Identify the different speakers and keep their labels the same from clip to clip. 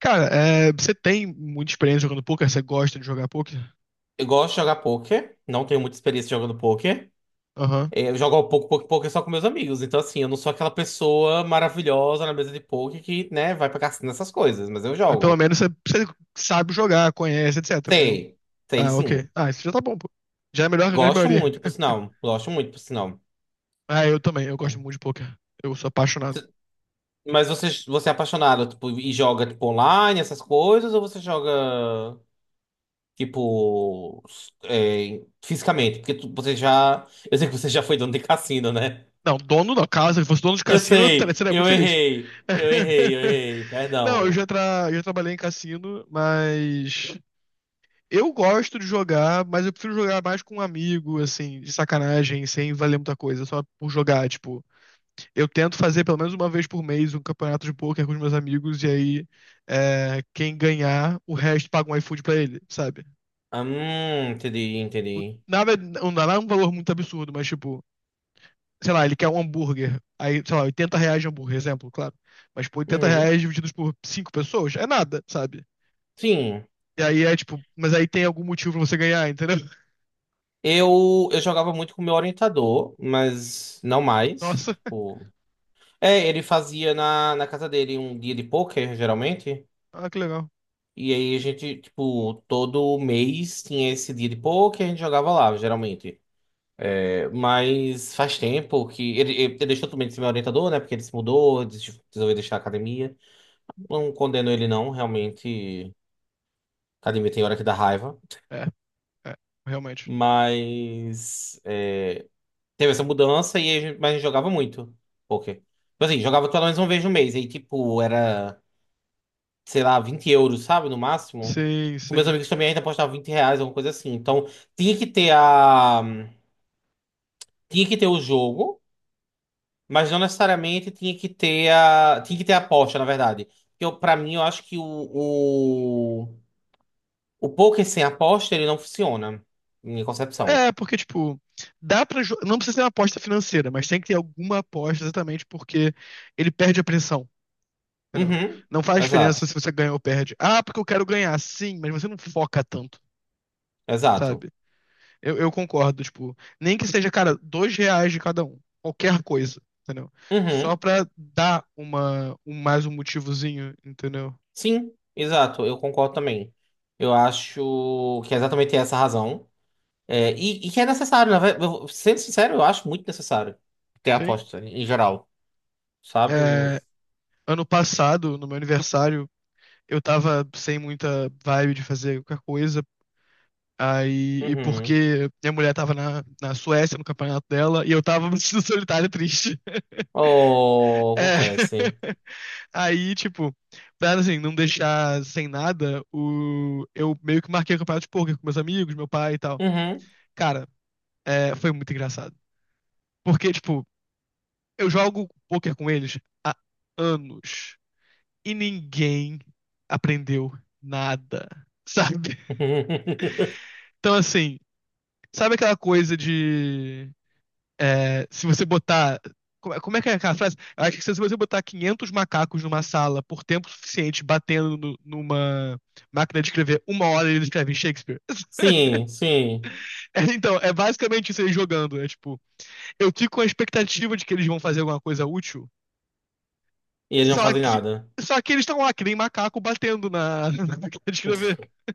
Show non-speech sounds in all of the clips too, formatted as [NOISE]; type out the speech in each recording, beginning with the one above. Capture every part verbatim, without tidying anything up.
Speaker 1: Cara, é, você tem muita experiência jogando poker, você gosta de jogar poker?
Speaker 2: Eu gosto de jogar poker, não tenho muita experiência jogando poker.
Speaker 1: Aham.
Speaker 2: É, Eu jogo pouco, pouco, poker só com meus amigos. Então, assim, eu não sou aquela pessoa maravilhosa na mesa de poker que, né, vai pra cassino essas coisas, mas eu
Speaker 1: Mas pelo
Speaker 2: jogo.
Speaker 1: menos você, você sabe jogar, conhece, etc, né?
Speaker 2: Sei, sei
Speaker 1: Ah, ok.
Speaker 2: sim.
Speaker 1: Ah, isso já tá bom, pô. Já é melhor que a grande
Speaker 2: Gosto
Speaker 1: maioria.
Speaker 2: muito, por
Speaker 1: [LAUGHS]
Speaker 2: sinal. Gosto muito, por sinal.
Speaker 1: Ah, eu também, eu gosto
Speaker 2: É.
Speaker 1: muito de poker. Eu sou apaixonado.
Speaker 2: Mas você, você é apaixonado, tipo, e joga, tipo, online, essas coisas, ou você joga, tipo, s- é, fisicamente? Porque tu- você já. Eu sei que você já foi dono de cassino, né?
Speaker 1: Não, dono da casa, se fosse dono de
Speaker 2: Eu
Speaker 1: cassino, eu tra-
Speaker 2: sei,
Speaker 1: seria muito
Speaker 2: eu
Speaker 1: feliz.
Speaker 2: errei. Eu errei, eu
Speaker 1: [LAUGHS]
Speaker 2: errei,
Speaker 1: Não, eu
Speaker 2: perdão.
Speaker 1: já, tra... já trabalhei em cassino, mas eu gosto de jogar, mas eu prefiro jogar mais com um amigo, assim, de sacanagem, sem valer muita coisa, só por jogar, tipo. Eu tento fazer pelo menos uma vez por mês um campeonato de poker com os meus amigos, e aí é, quem ganhar, o resto paga um iFood pra ele, sabe?
Speaker 2: Ah, Hum, entendi,
Speaker 1: O-
Speaker 2: entendi.
Speaker 1: Nada, não dá um valor muito absurdo, mas tipo, sei lá, ele quer um hambúrguer, aí, sei lá, oitenta reais de hambúrguer, exemplo, claro. Mas, pô, oitenta
Speaker 2: Uhum.
Speaker 1: reais divididos por cinco pessoas é nada, sabe?
Speaker 2: Sim,
Speaker 1: E aí é tipo, mas aí tem algum motivo pra você ganhar, entendeu? [LAUGHS]
Speaker 2: eu, eu jogava muito com o meu orientador, mas não mais.
Speaker 1: Nossa,
Speaker 2: Tipo, é, ele fazia na, na casa dele um dia de pôquer, geralmente.
Speaker 1: ah, que legal.
Speaker 2: E aí a gente, tipo, todo mês tinha esse dia de pôquer, a gente jogava lá, geralmente. É, Mas faz tempo que. Ele, ele, ele deixou também de ser meu orientador, né? Porque ele se mudou, des- resolveu deixar a academia. Não condeno ele, não, realmente. Academia tem hora que dá raiva.
Speaker 1: É, é, realmente.
Speaker 2: Mas é, teve essa mudança e a gente- mas a gente jogava muito poker. Tipo assim, jogava pelo menos uma vez no mês. Aí, tipo, era, sei lá, vinte euros, sabe? No máximo.
Speaker 1: Sim,
Speaker 2: Com meus
Speaker 1: sim.
Speaker 2: amigos também ainda apostava vinte reais, alguma coisa assim. Então, tinha que ter a. Tinha que ter o jogo, mas não necessariamente tinha que ter a. Tinha que ter a aposta, na verdade. Porque eu, pra mim, eu acho que o- O poker sem aposta, ele não funciona. Minha concepção.
Speaker 1: É, porque, tipo, dá pra. jo- Não precisa ser uma aposta financeira, mas tem que ter alguma aposta exatamente porque ele perde a pressão. Entendeu?
Speaker 2: Uhum.
Speaker 1: Não faz diferença
Speaker 2: Exato.
Speaker 1: se você ganha ou perde. Ah, porque eu quero ganhar, sim, mas você não foca tanto,
Speaker 2: Exato.
Speaker 1: sabe? Eu, eu concordo, tipo, nem que seja, cara, dois reais de cada um, qualquer coisa, entendeu? Só
Speaker 2: Uhum.
Speaker 1: pra dar uma, um- mais um motivozinho, entendeu?
Speaker 2: Sim, exato. Eu concordo também. Eu acho que é exatamente essa a razão. É, e, e que é necessário, na verdade. Eu- Sendo sincero, eu acho muito necessário ter
Speaker 1: Sim.
Speaker 2: aposta, em geral. Sabe?
Speaker 1: É, ano passado, no meu aniversário, eu tava sem muita vibe de fazer qualquer coisa. Aí, e
Speaker 2: Uhum.
Speaker 1: porque minha mulher tava na, na Suécia, no campeonato dela, e eu tava [LAUGHS] me sentindo solitário e triste.
Speaker 2: Oh,
Speaker 1: É.
Speaker 2: acontece.
Speaker 1: [LAUGHS] Aí, tipo, pra assim, não deixar sem nada, o... eu meio que marquei o campeonato de poker com meus amigos, meu pai e tal.
Speaker 2: Uhum.
Speaker 1: Cara, é, foi muito engraçado. Porque, tipo, eu jogo poker com eles há anos e ninguém aprendeu nada, [LAUGHS] sabe?
Speaker 2: [LAUGHS]
Speaker 1: Então, assim, sabe aquela coisa de É, se você botar. Como é como é que é aquela frase? Eu acho que se você botar quinhentos macacos numa sala por tempo suficiente batendo no- numa máquina de escrever, uma hora eles escrevem Shakespeare. [LAUGHS]
Speaker 2: Sim, sim.
Speaker 1: É, então, é basicamente isso aí jogando. É tipo, eu fico com a expectativa de que eles vão fazer alguma coisa útil,
Speaker 2: E eles não
Speaker 1: só
Speaker 2: fazem
Speaker 1: que.
Speaker 2: nada.
Speaker 1: Só que eles estão lá, que nem macaco batendo na, [LAUGHS] na máquina de escrever.
Speaker 2: [LAUGHS]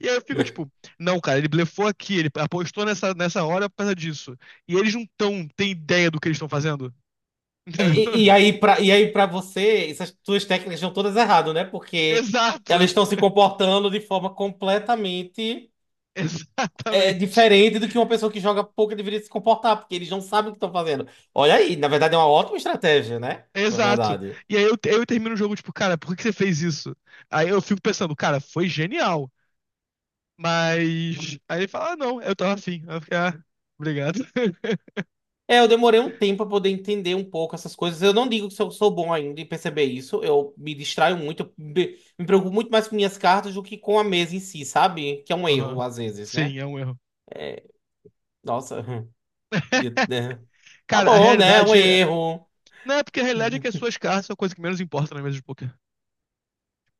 Speaker 1: E aí eu fico tipo, não, cara, ele blefou aqui, ele apostou nessa, nessa hora por causa disso. E eles não tão, têm ideia do que eles estão fazendo. [LAUGHS]
Speaker 2: É, E, e
Speaker 1: Entendeu?
Speaker 2: aí, pra, e aí, pra você, essas suas técnicas estão todas erradas, né? Porque
Speaker 1: Exato.
Speaker 2: elas estão se comportando de forma completamente
Speaker 1: [LAUGHS]
Speaker 2: é,
Speaker 1: Exatamente.
Speaker 2: diferente do que uma pessoa que joga poker deveria se comportar, porque eles não sabem o que estão fazendo. Olha aí, na verdade é uma ótima estratégia, né? Na
Speaker 1: Exato.
Speaker 2: verdade.
Speaker 1: E aí eu, eu termino o jogo, tipo, cara, por que que você fez isso? Aí eu fico pensando, cara, foi genial. Mas. Aí ele fala, ah, não, eu tava afim. Aí eu fico, ah, obrigado. [LAUGHS]
Speaker 2: É, eu demorei um tempo para poder entender um pouco essas coisas. Eu não digo que eu sou bom ainda em perceber isso. Eu me distraio muito, eu me me preocupo muito mais com minhas cartas do que com a mesa em si, sabe? Que é um erro,
Speaker 1: Aham.
Speaker 2: às vezes, né?
Speaker 1: Sim, é um erro.
Speaker 2: É, nossa. De- de- Tá
Speaker 1: Cara, a
Speaker 2: bom, né? É um
Speaker 1: realidade.
Speaker 2: erro.
Speaker 1: Não é porque a realidade é que as
Speaker 2: [LAUGHS]
Speaker 1: suas cartas são a coisa que menos importa na mesa de poker.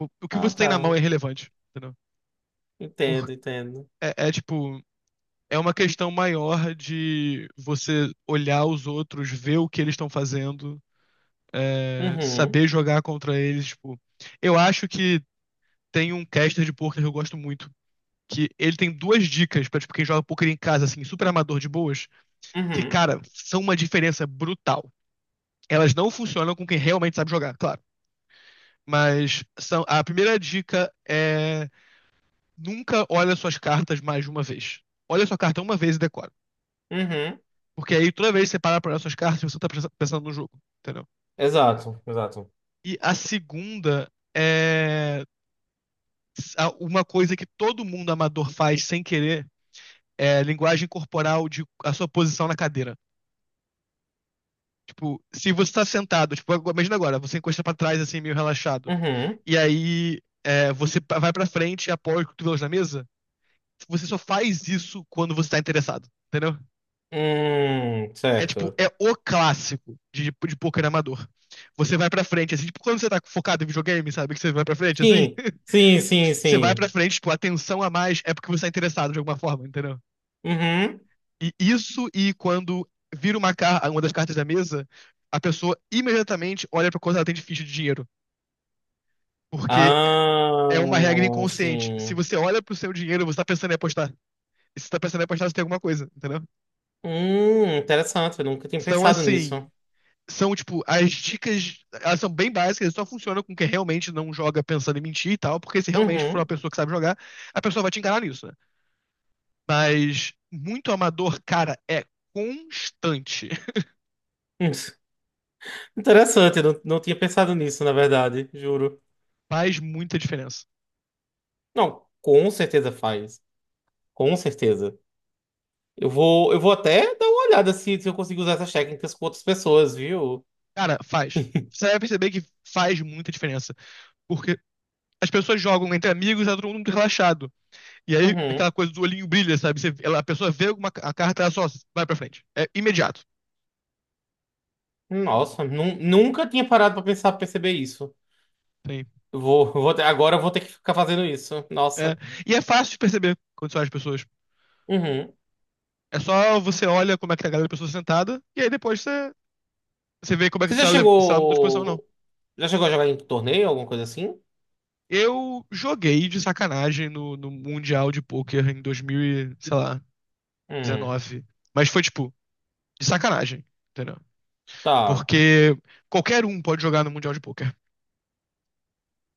Speaker 1: O, o que
Speaker 2: Ah,
Speaker 1: você tem na mão é
Speaker 2: tá.
Speaker 1: irrelevante, entendeu? Por-
Speaker 2: Entendo, entendo.
Speaker 1: é, é tipo. É uma questão maior de você olhar os outros, ver o que eles estão fazendo. É,
Speaker 2: Uhum,
Speaker 1: saber jogar contra eles, tipo. Eu acho que tem um caster de poker que eu gosto muito. Que ele tem duas dicas pra, tipo, quem joga poker em casa, assim, super amador de boas, que,
Speaker 2: uhum,
Speaker 1: cara, são uma diferença brutal. Elas não funcionam com quem realmente sabe jogar, claro. Mas são, a primeira dica é nunca olha suas cartas mais de uma vez. Olha sua carta uma vez e decora.
Speaker 2: uhum.
Speaker 1: Porque aí toda vez que você para pra olhar suas cartas, você tá pensa- pensando no jogo, entendeu?
Speaker 2: Exato, exato.
Speaker 1: E a segunda é uma coisa que todo mundo amador faz sem querer é linguagem corporal de a sua posição na cadeira. Tipo, se você tá sentado, tipo, imagina agora, você encosta pra trás assim, meio relaxado.
Speaker 2: Uhum.
Speaker 1: E aí é, você vai pra frente e apoia os cotovelos na mesa. Você só faz isso quando você tá interessado, entendeu?
Speaker 2: Hum,
Speaker 1: É tipo,
Speaker 2: certo.
Speaker 1: é o clássico de, de poker amador. Você vai pra frente, assim, tipo, quando você tá focado em videogame, sabe? Que você vai pra frente, assim.
Speaker 2: Sim, sim,
Speaker 1: [LAUGHS]
Speaker 2: sim,
Speaker 1: Você vai pra
Speaker 2: sim.
Speaker 1: frente, tipo, a atenção a mais é porque você tá interessado de alguma forma, entendeu?
Speaker 2: Uhum.
Speaker 1: E isso e quando vira uma, car uma das cartas da mesa, a pessoa imediatamente olha pra quanto ela tem de ficha de dinheiro. Porque é uma regra
Speaker 2: Ah,
Speaker 1: inconsciente. Se
Speaker 2: sim.
Speaker 1: você olha pro seu dinheiro, você tá pensando em apostar. E se você tá pensando em apostar, você tem alguma coisa, entendeu?
Speaker 2: Hum, interessante. Eu nunca tinha
Speaker 1: Então,
Speaker 2: pensado
Speaker 1: assim,
Speaker 2: nisso.
Speaker 1: são, tipo, as dicas, elas são bem básicas, só funcionam com quem realmente não joga pensando em mentir e tal, porque se realmente for uma
Speaker 2: Uhum.
Speaker 1: pessoa que sabe jogar, a pessoa vai te enganar nisso, né? Mas muito amador, cara, é constante. [LAUGHS]
Speaker 2: Hum, [LAUGHS] Interessante, eu não, não tinha pensado nisso, na verdade, juro.
Speaker 1: Faz muita diferença.
Speaker 2: Não, com certeza faz. Com certeza. Eu vou, eu vou até dar uma olhada se, se eu consigo usar essas técnicas com outras pessoas, viu?
Speaker 1: Cara, faz. Você vai perceber que faz muita diferença. Porque as pessoas jogam entre amigos, e tá todo mundo muito relaxado. E aí,
Speaker 2: Uhum.
Speaker 1: aquela coisa do olhinho brilha, sabe? Você- ela- a pessoa vê alguma a carta, ela só vai pra frente. É imediato.
Speaker 2: Nossa, nu- nunca tinha parado pra pensar, pra perceber isso.
Speaker 1: Sim.
Speaker 2: Eu Vou, vou ter- agora eu vou ter que ficar fazendo isso.
Speaker 1: É.
Speaker 2: Nossa.
Speaker 1: E é fácil de perceber quando você olha as pessoas.
Speaker 2: Uhum.
Speaker 1: É só você olha como é que tá a galera da pessoa sentada, e aí depois você, você vê como é que
Speaker 2: Você
Speaker 1: se
Speaker 2: já
Speaker 1: ela, le- se ela mudou de posição ou não.
Speaker 2: chegou, já chegou a jogar em torneio, alguma coisa assim?
Speaker 1: Eu joguei de sacanagem no, no Mundial de Poker em dois mil, e, sei lá,
Speaker 2: Hum,
Speaker 1: dezenove. Mas foi tipo, de sacanagem, entendeu?
Speaker 2: tá.
Speaker 1: Porque qualquer um pode jogar no Mundial de Poker.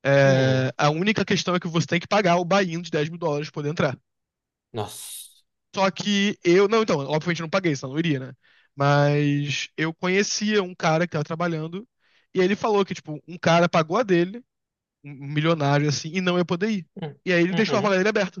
Speaker 1: É,
Speaker 2: Hum,
Speaker 1: a única questão é que você tem que pagar o buy-in de dez mil dólares pra poder entrar.
Speaker 2: nossa.
Speaker 1: Só que eu. Não, então, obviamente eu não paguei, senão eu não iria, né? Mas eu conhecia um cara que tava trabalhando e ele falou que, tipo, um cara pagou a dele, um milionário assim, e não ia poder ir.
Speaker 2: Hum,
Speaker 1: E aí ele deixou a vaga
Speaker 2: Uhum.
Speaker 1: dele aberta.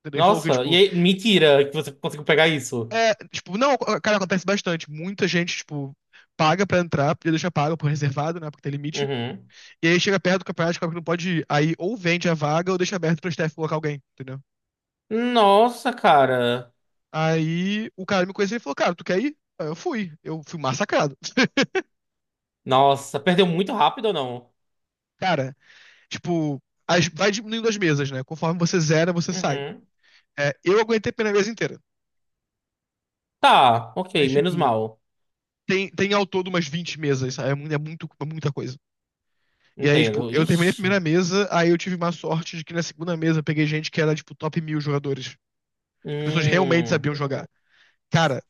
Speaker 1: Entendeu? Ele falou que,
Speaker 2: Nossa, e
Speaker 1: tipo,
Speaker 2: aí, mentira que você conseguiu pegar isso.
Speaker 1: é, tipo, não, cara, acontece bastante. Muita gente, tipo, paga pra entrar, podia deixar pago por reservado, né? Porque tem limite.
Speaker 2: Uhum.
Speaker 1: E aí chega perto do campeonato, descobre que não pode ir. Aí ou vende a vaga ou deixa aberto pro staff colocar alguém, entendeu?
Speaker 2: Nossa, cara.
Speaker 1: Aí o cara me conheceu e falou, cara, tu quer ir? Aí eu fui. Eu fui massacrado. [LAUGHS]
Speaker 2: Nossa, perdeu muito rápido ou não?
Speaker 1: Cara, tipo, as- vai diminuindo as mesas, né? Conforme você zera, você sai.
Speaker 2: Uhum.
Speaker 1: É, eu aguentei pela mesa inteira.
Speaker 2: Tá, ok,
Speaker 1: Mas,
Speaker 2: menos
Speaker 1: tipo,
Speaker 2: mal.
Speaker 1: tem, tem ao todo umas vinte mesas, sabe? É, mu- é muito, é muita coisa. E aí, tipo,
Speaker 2: Entendo.
Speaker 1: eu terminei a primeira
Speaker 2: Ixi.
Speaker 1: mesa, aí eu tive má sorte de que na segunda mesa eu peguei gente que era, tipo, top mil jogadores. As pessoas realmente
Speaker 2: Hum,
Speaker 1: sabiam jogar. Cara,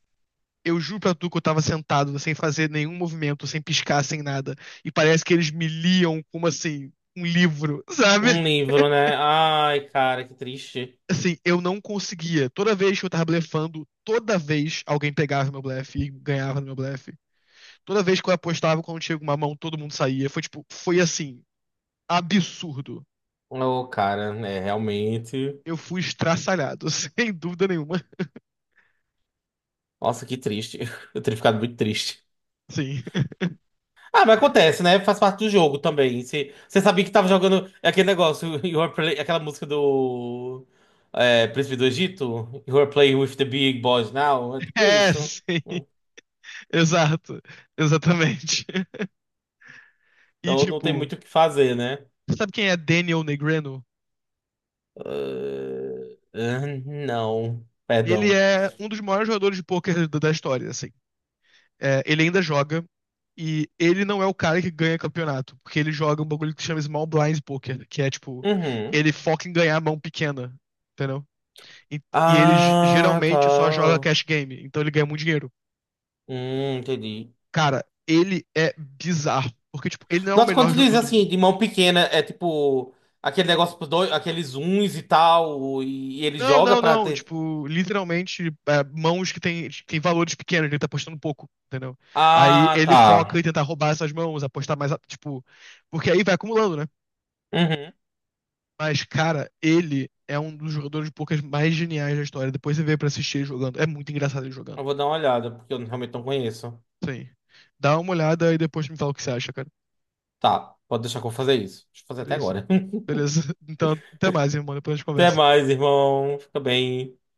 Speaker 1: eu juro pra tu que eu tava sentado, sem fazer nenhum movimento, sem piscar, sem nada. E parece que eles me liam como assim, um livro, [LAUGHS] sabe?
Speaker 2: um livro, né? Ai, cara, que triste.
Speaker 1: Assim, eu não conseguia. Toda vez que eu tava blefando, toda vez alguém pegava meu blefe e ganhava no meu blefe. Toda vez que eu apostava, quando tinha uma mão, todo mundo saía. Foi tipo, foi assim, absurdo.
Speaker 2: Ô, cara, né? Realmente.
Speaker 1: Eu fui estraçalhado, [LAUGHS] sem dúvida nenhuma.
Speaker 2: Nossa, que triste. [LAUGHS] Eu teria ficado muito triste.
Speaker 1: Sim. [LAUGHS]
Speaker 2: Ah, mas acontece, né? Faz parte do jogo também. Você você sabia que tava jogando aquele negócio, [LAUGHS] you are play- aquela música do é, Príncipe do Egito? You are playing with the big boys now. É tipo
Speaker 1: É,
Speaker 2: isso.
Speaker 1: sim.
Speaker 2: Hum,
Speaker 1: Exato. Exatamente. E
Speaker 2: Então não tem
Speaker 1: tipo,
Speaker 2: muito o que fazer, né?
Speaker 1: sabe quem é Daniel Negreanu?
Speaker 2: Ah, ah, não.
Speaker 1: Ele
Speaker 2: Perdão.
Speaker 1: é um dos maiores jogadores de pôquer da da história, assim. É, ele ainda joga e ele não é o cara que ganha campeonato, porque ele joga um bagulho que se chama Small Blind Poker, que é tipo,
Speaker 2: Uhum.
Speaker 1: ele foca em ganhar a mão pequena, entendeu? E, e ele ge-
Speaker 2: Ah,
Speaker 1: geralmente só joga
Speaker 2: tá.
Speaker 1: cash game, então ele ganha muito dinheiro.
Speaker 2: Hum, entendi.
Speaker 1: Cara, ele é bizarro, porque tipo, ele não é o
Speaker 2: Nossa,
Speaker 1: melhor
Speaker 2: quando tu diz
Speaker 1: jogador do
Speaker 2: assim,
Speaker 1: mundo.
Speaker 2: de mão pequena, é tipo aquele negócio pros dois, aqueles uns e tal, e, ele
Speaker 1: Não,
Speaker 2: joga
Speaker 1: não,
Speaker 2: pra
Speaker 1: não.
Speaker 2: ter.
Speaker 1: Tipo, literalmente, é, mãos que tem, tem valores pequenos, ele tá apostando pouco, entendeu? Aí
Speaker 2: Ah,
Speaker 1: ele foca em
Speaker 2: tá.
Speaker 1: tentar roubar essas mãos, apostar mais, a- tipo, porque aí vai acumulando, né?
Speaker 2: Uhum.
Speaker 1: Mas, cara, ele é um dos jogadores de poucas mais geniais da história. Depois você vê pra assistir ele jogando. É muito engraçado ele jogando.
Speaker 2: Eu vou dar uma olhada, porque eu realmente não conheço.
Speaker 1: Sim. Dá uma olhada e depois me fala o que você acha, cara.
Speaker 2: Tá, pode deixar que eu vou fazer isso. Deixa eu fazer até
Speaker 1: Beleza.
Speaker 2: agora. [LAUGHS]
Speaker 1: Beleza. [LAUGHS] Então, até mais, irmão. Depois a gente
Speaker 2: Até
Speaker 1: conversa.
Speaker 2: mais, irmão. Fica bem.